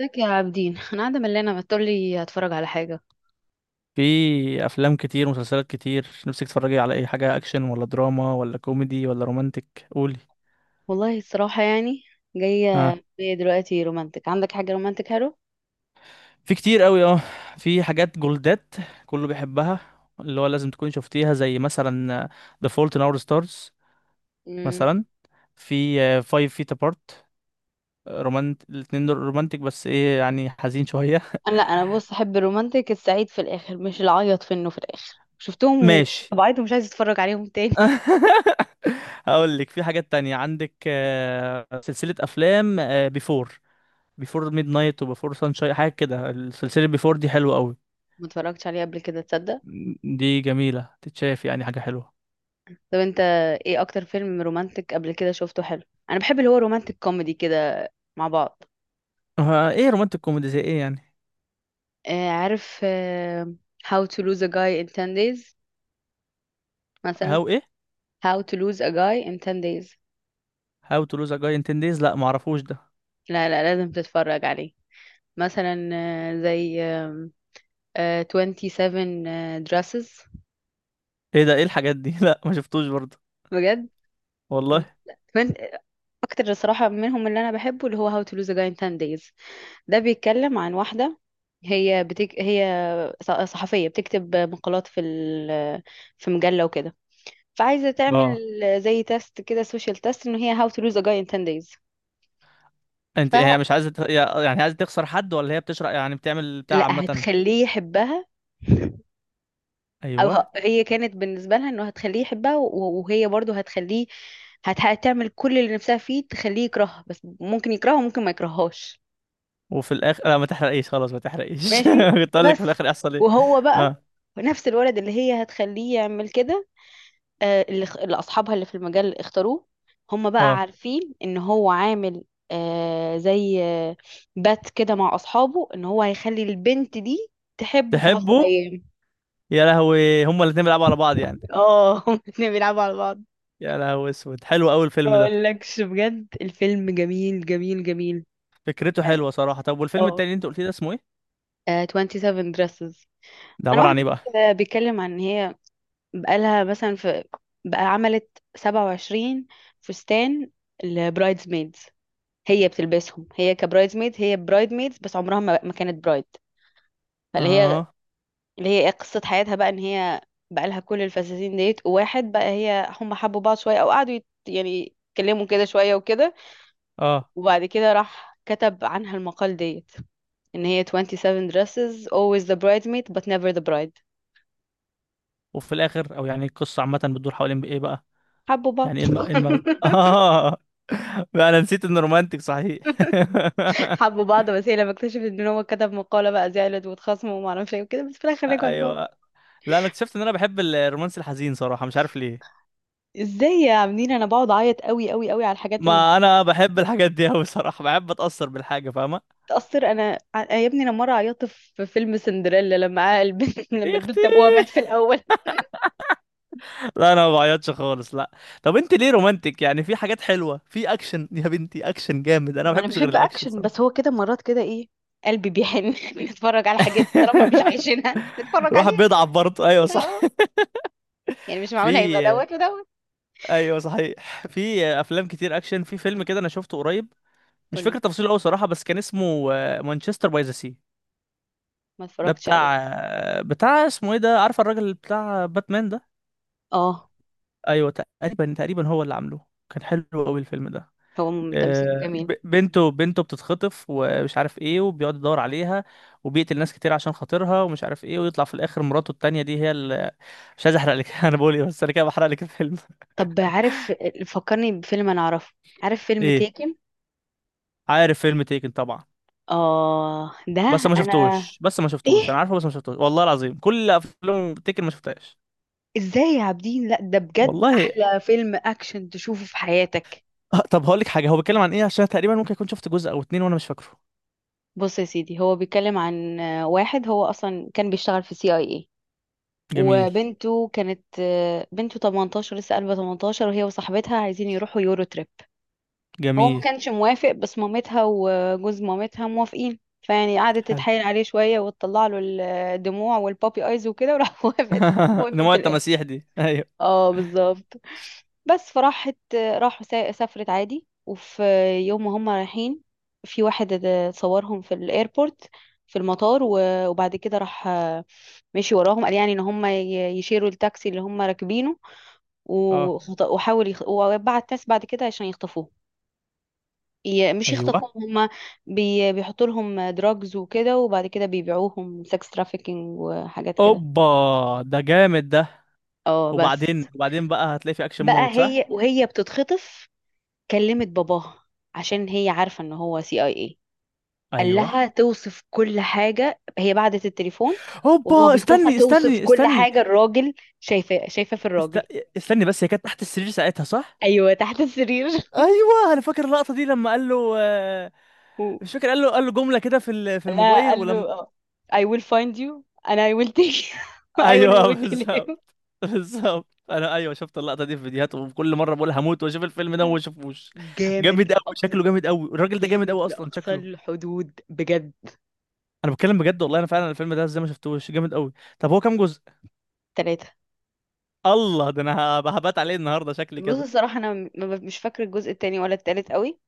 ازيك يا عابدين؟ انا قاعده ملانه، ما تقولي هتفرج على حاجه. في افلام كتير ومسلسلات كتير، نفسك تتفرجي على اي حاجه؟ اكشن ولا دراما ولا كوميدي ولا رومانتك؟ قولي. والله الصراحه يعني جايه ها؟ بيا دلوقتي رومانتك، عندك حاجه رومانتك حلو؟ في كتير قوي، اه. في حاجات جولدات كله بيحبها، اللي هو لازم تكون شفتيها، زي مثلا The Fault in Our Stars، امم مثلا، في Five Feet Apart. الاتنين دول رومانتك، بس ايه يعني، حزين شويه. انا لا انا بص، احب الرومانتك السعيد في الاخر، مش العيط في انه في الاخر شفتهم ماشي. وطبعيت، ومش عايزه اتفرج عليهم تاني. هقول لك في حاجات تانية، عندك سلسله افلام بيفور. بيفور ميد نايت وبيفور سانشاين، حاجه كده. السلسله بيفور دي حلوه قوي، ما اتفرجتش عليه قبل كده، تصدق؟ دي جميله، تتشاف، يعني حاجه حلوه. طب انت، ايه اكتر فيلم رومانتك قبل كده شفته حلو؟ انا بحب اللي هو رومانتك كوميدي كده مع بعض. ايه رومانتك كوميدي زي ايه يعني؟ آه عارف، آه، How to lose a guy in 10 days مثلا. هاو ايه؟ How to lose a guy in 10 days، هاو تو لوز ا جاي ان 10 دايز، لا، معرفوش ده. لا لا لازم تتفرج عليه. مثلا زي آم، آه، 27 dresses. ايه ده؟ ايه الحاجات دي؟ لا، ما شفتوش برضه. بجد، والله. من اكتر الصراحه منهم اللي انا بحبه اللي هو How to Lose a Guy in 10 Days. ده بيتكلم عن واحده، هي صحفيه بتكتب مقالات في مجله وكده. فعايزه تعمل اه. زي تيست كده، سوشيال تيست ان هي How to Lose a Guy in 10 Days. انت، هي فلا، مش عايزه يعني عايزه تخسر حد، ولا هي بتشرح، يعني بتعمل بتاع عامه؟ هتخليه يحبها. او ايوه. هي كانت بالنسبه لها انه هتخليه يحبها و- وهي برضه هتخليه، هتعمل كل اللي نفسها فيه تخليه يكرهها، بس ممكن يكرهها وممكن ما يكرههاش. وفي الاخر، لا ما تحرقيش، خلاص ما تحرقيش، ماشي، كنت اقول لك في بس الاخر يحصل ايه. وهو بقى اه، نفس الولد اللي هي هتخليه يعمل كده. اللي اصحابها اللي في المجال اختاروه، هم بقى اه. عارفين ان هو عامل زي بات كده مع اصحابه ان هو هيخلي البنت دي تحبه في عشر تحبه. ايام يا لهوي، هما الاتنين بيلعبوا على بعض يعني. اه. هم الاتنين بيلعبوا على بعض. يا لهوي، اسود، حلو قوي ما الفيلم ده. اقولكش بجد، الفيلم جميل جميل جميل. فكرته يعني، حلوه صراحه. طب والفيلم التاني اه، اللي انت قلت لي ده اسمه ايه؟ 27 dresses. ده انا عباره عن واحده ايه بقى؟ كده بيتكلم عن ان هي، بقالها مثلا في، بقى عملت 27 فستان. البرايدز ميدز، هي بتلبسهم، هي كبرايدز ميدز، هي برايد ميدز، بس عمرها ما كانت برايد. فاللي هي اه، اللي هي إيه قصه حياتها بقى، ان هي بقى لها كل الفساتين ديت. وواحد بقى، هم حبوا بعض شويه، او قعدوا يعني يتكلموا كده شويه وكده. اه. وبعد كده راح كتب عنها المقال ديت، ان هي 27 dresses, always the bridesmaid but never the bride. وفي الاخر، او يعني القصه عامه بتدور حوالين ايه بقى؟ حبوا بعض. يعني ايه إيه المغز، اه. بقى انا نسيت انه رومانتك صحيح. حبوا بعض، بس هي لما اكتشفت ان هو كتب مقالة بقى زعلت واتخاصموا وما اعرفش ايه وكده، بس في الاخر رجعوا لبعض. ايوه. لا، انا اكتشفت ان انا بحب الرومانس الحزين صراحه، مش عارف ليه. ازاي يا عاملين؟ انا بقعد اعيط قوي قوي قوي على الحاجات اللي ما انا بحب الحاجات دي قوي صراحه، بحب اتاثر بالحاجه، فاهمه. بتأثر. يا ابني، انا مرة عيطت في فيلم سندريلا لما البنت إيه لما يا اختي، البنت ابوها مات في الاول. لا انا ما بعيطش خالص، لا. طب انت ليه رومانتك؟ يعني في حاجات حلوه في اكشن، يا بنتي اكشن جامد، انا ما ما انا بحبش غير بحب الاكشن. اكشن، بس هو كده مرات كده ايه، قلبي بيحن. نتفرج على حاجات طالما مش عايشينها نتفرج الواحد عليها. بيضعف برضه، ايوه صح. اه يعني مش في معقول هيبقى دوت ودوت. ايوه صحيح، في افلام كتير اكشن. في فيلم كده انا شفته قريب، مش قولي. فاكر تفاصيله قوي صراحه، بس كان اسمه مانشستر باي ذا سي. ما ده اتفرجتش بتاع عليه. اسمه ايه ده، عارف الراجل بتاع باتمان ده؟ اه، ايوه. تقريبا، تقريبا هو اللي عامله، كان حلو قوي الفيلم ده. هو تمثيله جميل. بنته بتتخطف، ومش عارف ايه، وبيقعد يدور عليها، وبيقتل ناس كتير عشان خاطرها، ومش عارف ايه، ويطلع في الاخر مراته التانية دي هي اللي. مش عايز احرق لك، انا بقول ايه، بس انا كده بحرق لك الفيلم. طب عارف، فكرني بفيلم انا اعرفه. عارف فيلم ايه؟ تيكن؟ عارف فيلم تيكن طبعا، اه ده. بس ما انا، شفتوش، ايه، انا عارفه، بس ما شفتوش، والله العظيم، كل افلام تيكن ما شفتهاش. ازاي يا عابدين، لا ده بجد والله. احلى فيلم اكشن تشوفه في حياتك. طب هقول لك حاجة، هو بيتكلم عن ايه، عشان تقريبا ممكن اكون شفت جزء او اتنين وانا مش فاكره. بص يا سيدي، هو بيتكلم عن واحد هو اصلا كان بيشتغل في سي اي اي، جميل، وبنته كانت آه، بنته 18 لسه قلبها 18، وهي وصاحبتها عايزين يروحوا يورو تريب. هو ما جميل. كانش موافق، بس مامتها وجوز مامتها موافقين، فيعني قعدت حلو. تتحايل عليه شوية وتطلع له الدموع والبابي ايز وكده، وراح وافقت. وافق في نموت الاخر، التماسيح دي، ايوه. اه بالظبط. بس فراحت راحوا سا- سافرت عادي، وفي يوم ما هم رايحين، في واحد صورهم في الايربورت، في المطار، و- وبعد كده راح مشي وراهم، قال يعني ان هم يشيروا التاكسي اللي هم راكبينه. اه، وخط- وحاول وبعت ناس بعد كده عشان يخطفوه. مش ايوه. يخطفوهم هم، بيحطوا لهم دراجز وكده، وبعد كده بيبيعوهم سكس ترافيكينج وحاجات كده. اوبا، ده جامد ده. اه بس وبعدين بقى هتلاقي في اكشن بقى، مود صح؟ هي وهي بتتخطف، كلمت باباها عشان هي عارفة ان هو سي اي اي. قال ايوه. لها توصف كل حاجة، هي بعدت التليفون وهو اوبا، بيخطفها، استني، توصف استني، كل استني. حاجة، الراجل شايفة، شايفة في است... الراجل. استني بس، هي كانت تحت السرير ساعتها صح؟ ايوه تحت السرير. ايوه، انا فاكر اللقطه دي لما قال له. و- مش فاكر، قال له جمله كده في في لا الموبايل، قال له، ولما. I will find you and I will take you and I ايوه، will بالظبط. kill بالظبط، انا، ايوه، شفت اللقطه دي في فيديوهات، وكل مره بقول هموت واشوف الفيلم ده وما you. اشوفوش. جامد جامد قوي شكله، لأقصى. جامد قوي الراجل ده، جامد جامد قوي اصلا لأقصى شكله. الحدود بجد. انا بتكلم بجد والله، انا فعلا الفيلم ده ازاي ما شفتوش، جامد قوي. طب هو كام جزء؟ ثلاثة. الله، ده انا هبات عليه النهارده شكلي بص كده. الصراحة، أنا مش فاكرة الجزء التاني ولا التالت قوي،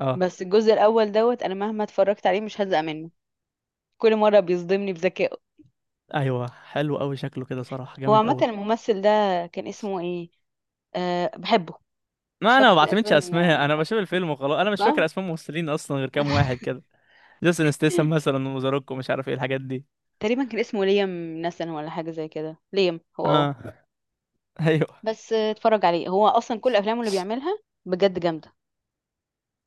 اه، بس الجزء الأول دوت، أنا مهما اتفرجت عليه مش هزهق منه، كل مرة بيصدمني بذكائه. ايوه، حلو قوي شكله كده صراحه، هو جامد عامة قوي. الممثل ده كان اسمه إيه؟ أه بحبه. مش ما انا ما فاكرة بعتمدش تقريبا، اسماء، انا بشوف الفيلم وخلاص، انا مش فاكر صح، اسماء ممثلين اصلا، غير كام واحد كده. جيسون ستاثام مثلا، وزاروكو، مش عارف ايه الحاجات دي. تقريبا كان اسمه ليام نسن ولا حاجة زي كده، ليام، هو اه. اه، ايوه. بس اتفرج عليه، هو أصلا كل أفلامه اللي بيعملها بجد جامدة.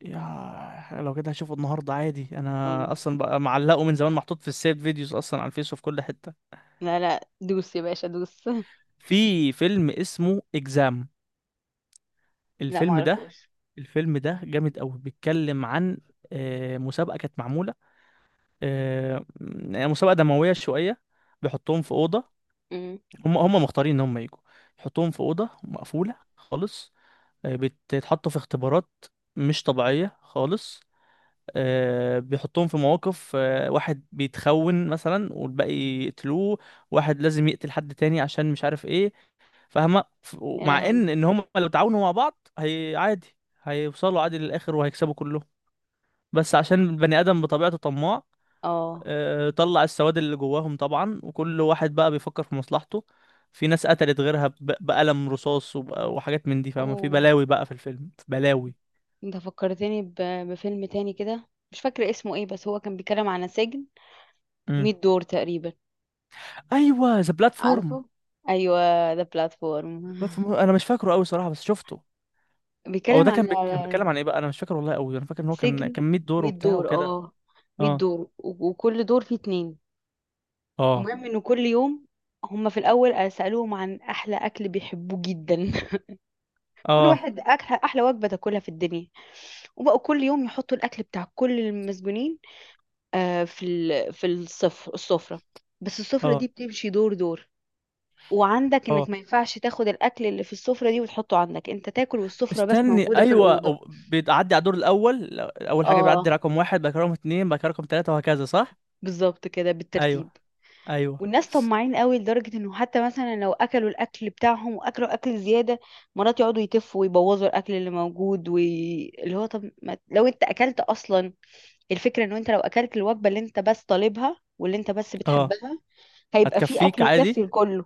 يا لو كده هشوفه النهارده عادي، انا أم، اصلا بقى معلقه من زمان، محطوط في السيف فيديوز اصلا على الفيس وفي كل حته. لا لا دوس يا باشا دوس. في فيلم اسمه اكزام. لا الفيلم ده معرفوش. الفيلم ده جامد قوي، بيتكلم عن مسابقه كانت معموله، آه، يعني مسابقة دموية شوية. بيحطوهم في أوضة، امم. هم مختارين إن هم يجوا، يحطوهم في أوضة مقفولة خالص، بيتحطوا في اختبارات مش طبيعية خالص، بيحطوهم في مواقف، واحد بيتخون مثلا والباقي يقتلوه، واحد لازم يقتل حد تاني عشان مش عارف ايه، فاهمة؟ يا مع لهوي. ان هم لو تعاونوا مع بعض هي عادي، هيوصلوا عادي للآخر وهيكسبوا كلهم، بس عشان البني آدم بطبيعته طماع، اه. طلع السواد اللي جواهم طبعا، وكل واحد بقى بيفكر في مصلحته، في ناس قتلت غيرها بقلم رصاص، وحاجات من دي فاهمة، في اوه. بلاوي بقى في الفيلم، بلاوي. انت فكرتني بفيلم تاني كده، مش فاكرة اسمه ايه، بس هو كان بيتكلم عن سجن مم. 100 دور تقريبا. ايوه، ذا بلاتفورم. عارفه، ايوه، ده بلاتفورم. بلاتفورم، انا مش فاكره قوي صراحة، بس شفته. هو بيتكلم ده كان عن، كان على بيتكلم عن ايه بقى؟ انا مش فاكر والله قوي، انا فاكر ان هو كان سجن كان 100 دور 100 وبتاع دور، اه، وكده. 100 اه، دور، و- وكل دور فيه اتنين. اه، المهم انه كل يوم، هما في الاول سالوهم عن احلى اكل بيحبوه جدا. كل اه، واحد اكل احلى وجبه تاكلها في الدنيا، وبقوا كل يوم يحطوا الاكل بتاع كل المسجونين في السفرة. بس السفرة اه، دي بتمشي دور دور، وعندك اه. انك ما ينفعش تاخد الاكل اللي في السفرة دي وتحطه عندك انت تاكل، والسفرة بس استني، موجودة في ايوه، الأوضة. بيعدي على الدور الاول، اول حاجه بيعدي اه رقم واحد، بعد كده رقم اتنين، بعد كده رقم تلاته، وهكذا صح؟ بالظبط، كده ايوه، بالترتيب. ايوه. والناس طماعين قوي، لدرجة انه حتى مثلا لو اكلوا الاكل بتاعهم واكلوا اكل زيادة، مرات يقعدوا يتفوا ويبوظوا الاكل اللي موجود اللي هو، طب ما... لو انت اكلت اصلا، الفكرة انه انت لو اكلت الوجبة اللي انت بس طالبها واللي انت بس اه. بتحبها هيبقى في هتكفيك اكل عادي، يكفي الكل.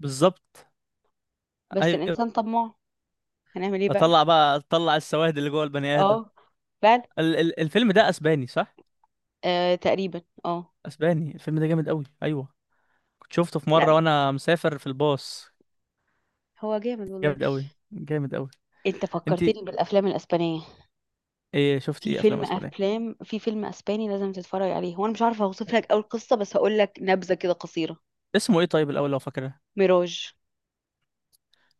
بالظبط. بس ايوه. الانسان طماع، هنعمل ايه بقى. اطلع بقى، اطلع السواد اللي جوه البني ادم. اه فعلا. ال ال الفيلم ده اسباني صح؟ آه تقريبا اه. اسباني، الفيلم ده جامد قوي، ايوه، كنت شفته في مره لا وانا مسافر في الباص، هو جامد والله. جامد قوي، جامد قوي. انت انت. فكرتني بالافلام الاسبانيه. ايه شفتي في ايه افلام فيلم اسبانيه؟ افلام في فيلم اسباني لازم تتفرج عليه، هو انا مش عارفه اوصف لك اول قصه، بس هقول لك نبذه كده قصيره. اسمه ايه طيب الاول لو فاكره؟ ميراج.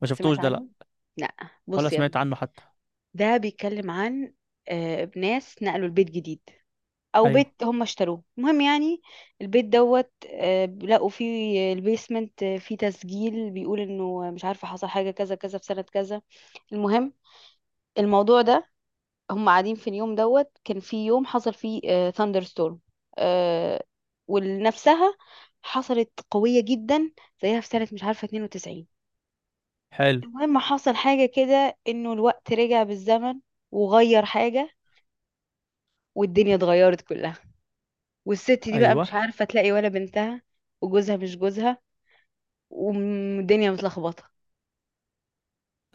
ما شفتوش سمعت ده، لا، عنه، لا. ولا بص يا سمعت ابني، عنه حتى. ده بيتكلم عن، ناس نقلوا البيت جديد، او ايوه، بيت هم اشتروه، المهم يعني البيت دوت، لقوا فيه البيسمنت، فيه تسجيل بيقول انه مش عارفه حصل حاجه كذا كذا في سنه كذا. المهم، الموضوع ده، هم قاعدين في اليوم دوت، كان في يوم حصل فيه ثاندر ستورم ولنفسها، حصلت قويه جدا زيها في سنه مش عارفه 92. حلو، المهم، حصل حاجه كده انه الوقت رجع بالزمن وغير حاجه، والدنيا اتغيرت كلها، والست دي بقى مش ايوه. عارفة تلاقي ولا بنتها، وجوزها مش جوزها، والدنيا متلخبطة.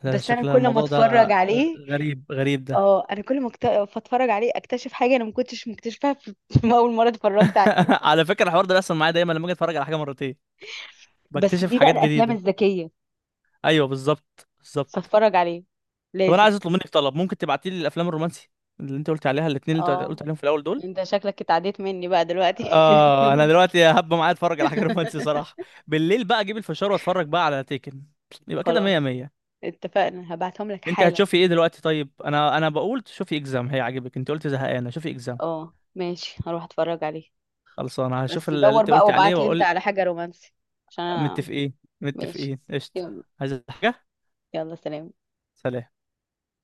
ده بس انا شكل كل ما الموضوع اتفرج ده، عليه، غريب، غريب ده. اه، انا كل ما اتفرج عليه اكتشف حاجة انا ما كنتش مكتشفها في في اول مرة اتفرجت عليه. على فكره الحوار ده بيحصل معايا دايما، لما اجي اتفرج على حاجه مرتين بس بكتشف دي بقى حاجات الافلام جديده. الذكية، ايوه، بالظبط، بالظبط. فاتفرج عليه طب انا لازم، عايز اطلب منك طلب، ممكن تبعتي لي الافلام الرومانسي اللي انت قلت عليها، الاثنين اللي انت اه. قلت عليهم في الاول دول. انت شكلك اتعديت مني بقى دلوقتي. اه، انا دلوقتي هبقى معايا اتفرج على حاجه رومانسي صراحه، بالليل بقى اجيب الفشار واتفرج بقى على تيكن، يبقى كده خلاص، مية مية. اتفقنا، هبعتهم لك انت حالا. هتشوفي ايه دلوقتي؟ طيب انا بقول شوفي اكزام هيعجبك، انت قلت زهقانه، شوفي اكزام. اه ماشي، هروح اتفرج عليه. خلاص، انا هشوف بس اللي دور انت بقى قلت عليه وابعت لي انت واقول. على حاجة رومانسي، عشان انا. متفقين، ماشي. متفقين، قشطه. يلا. عايز حاجه؟ يلا سلام. سلام.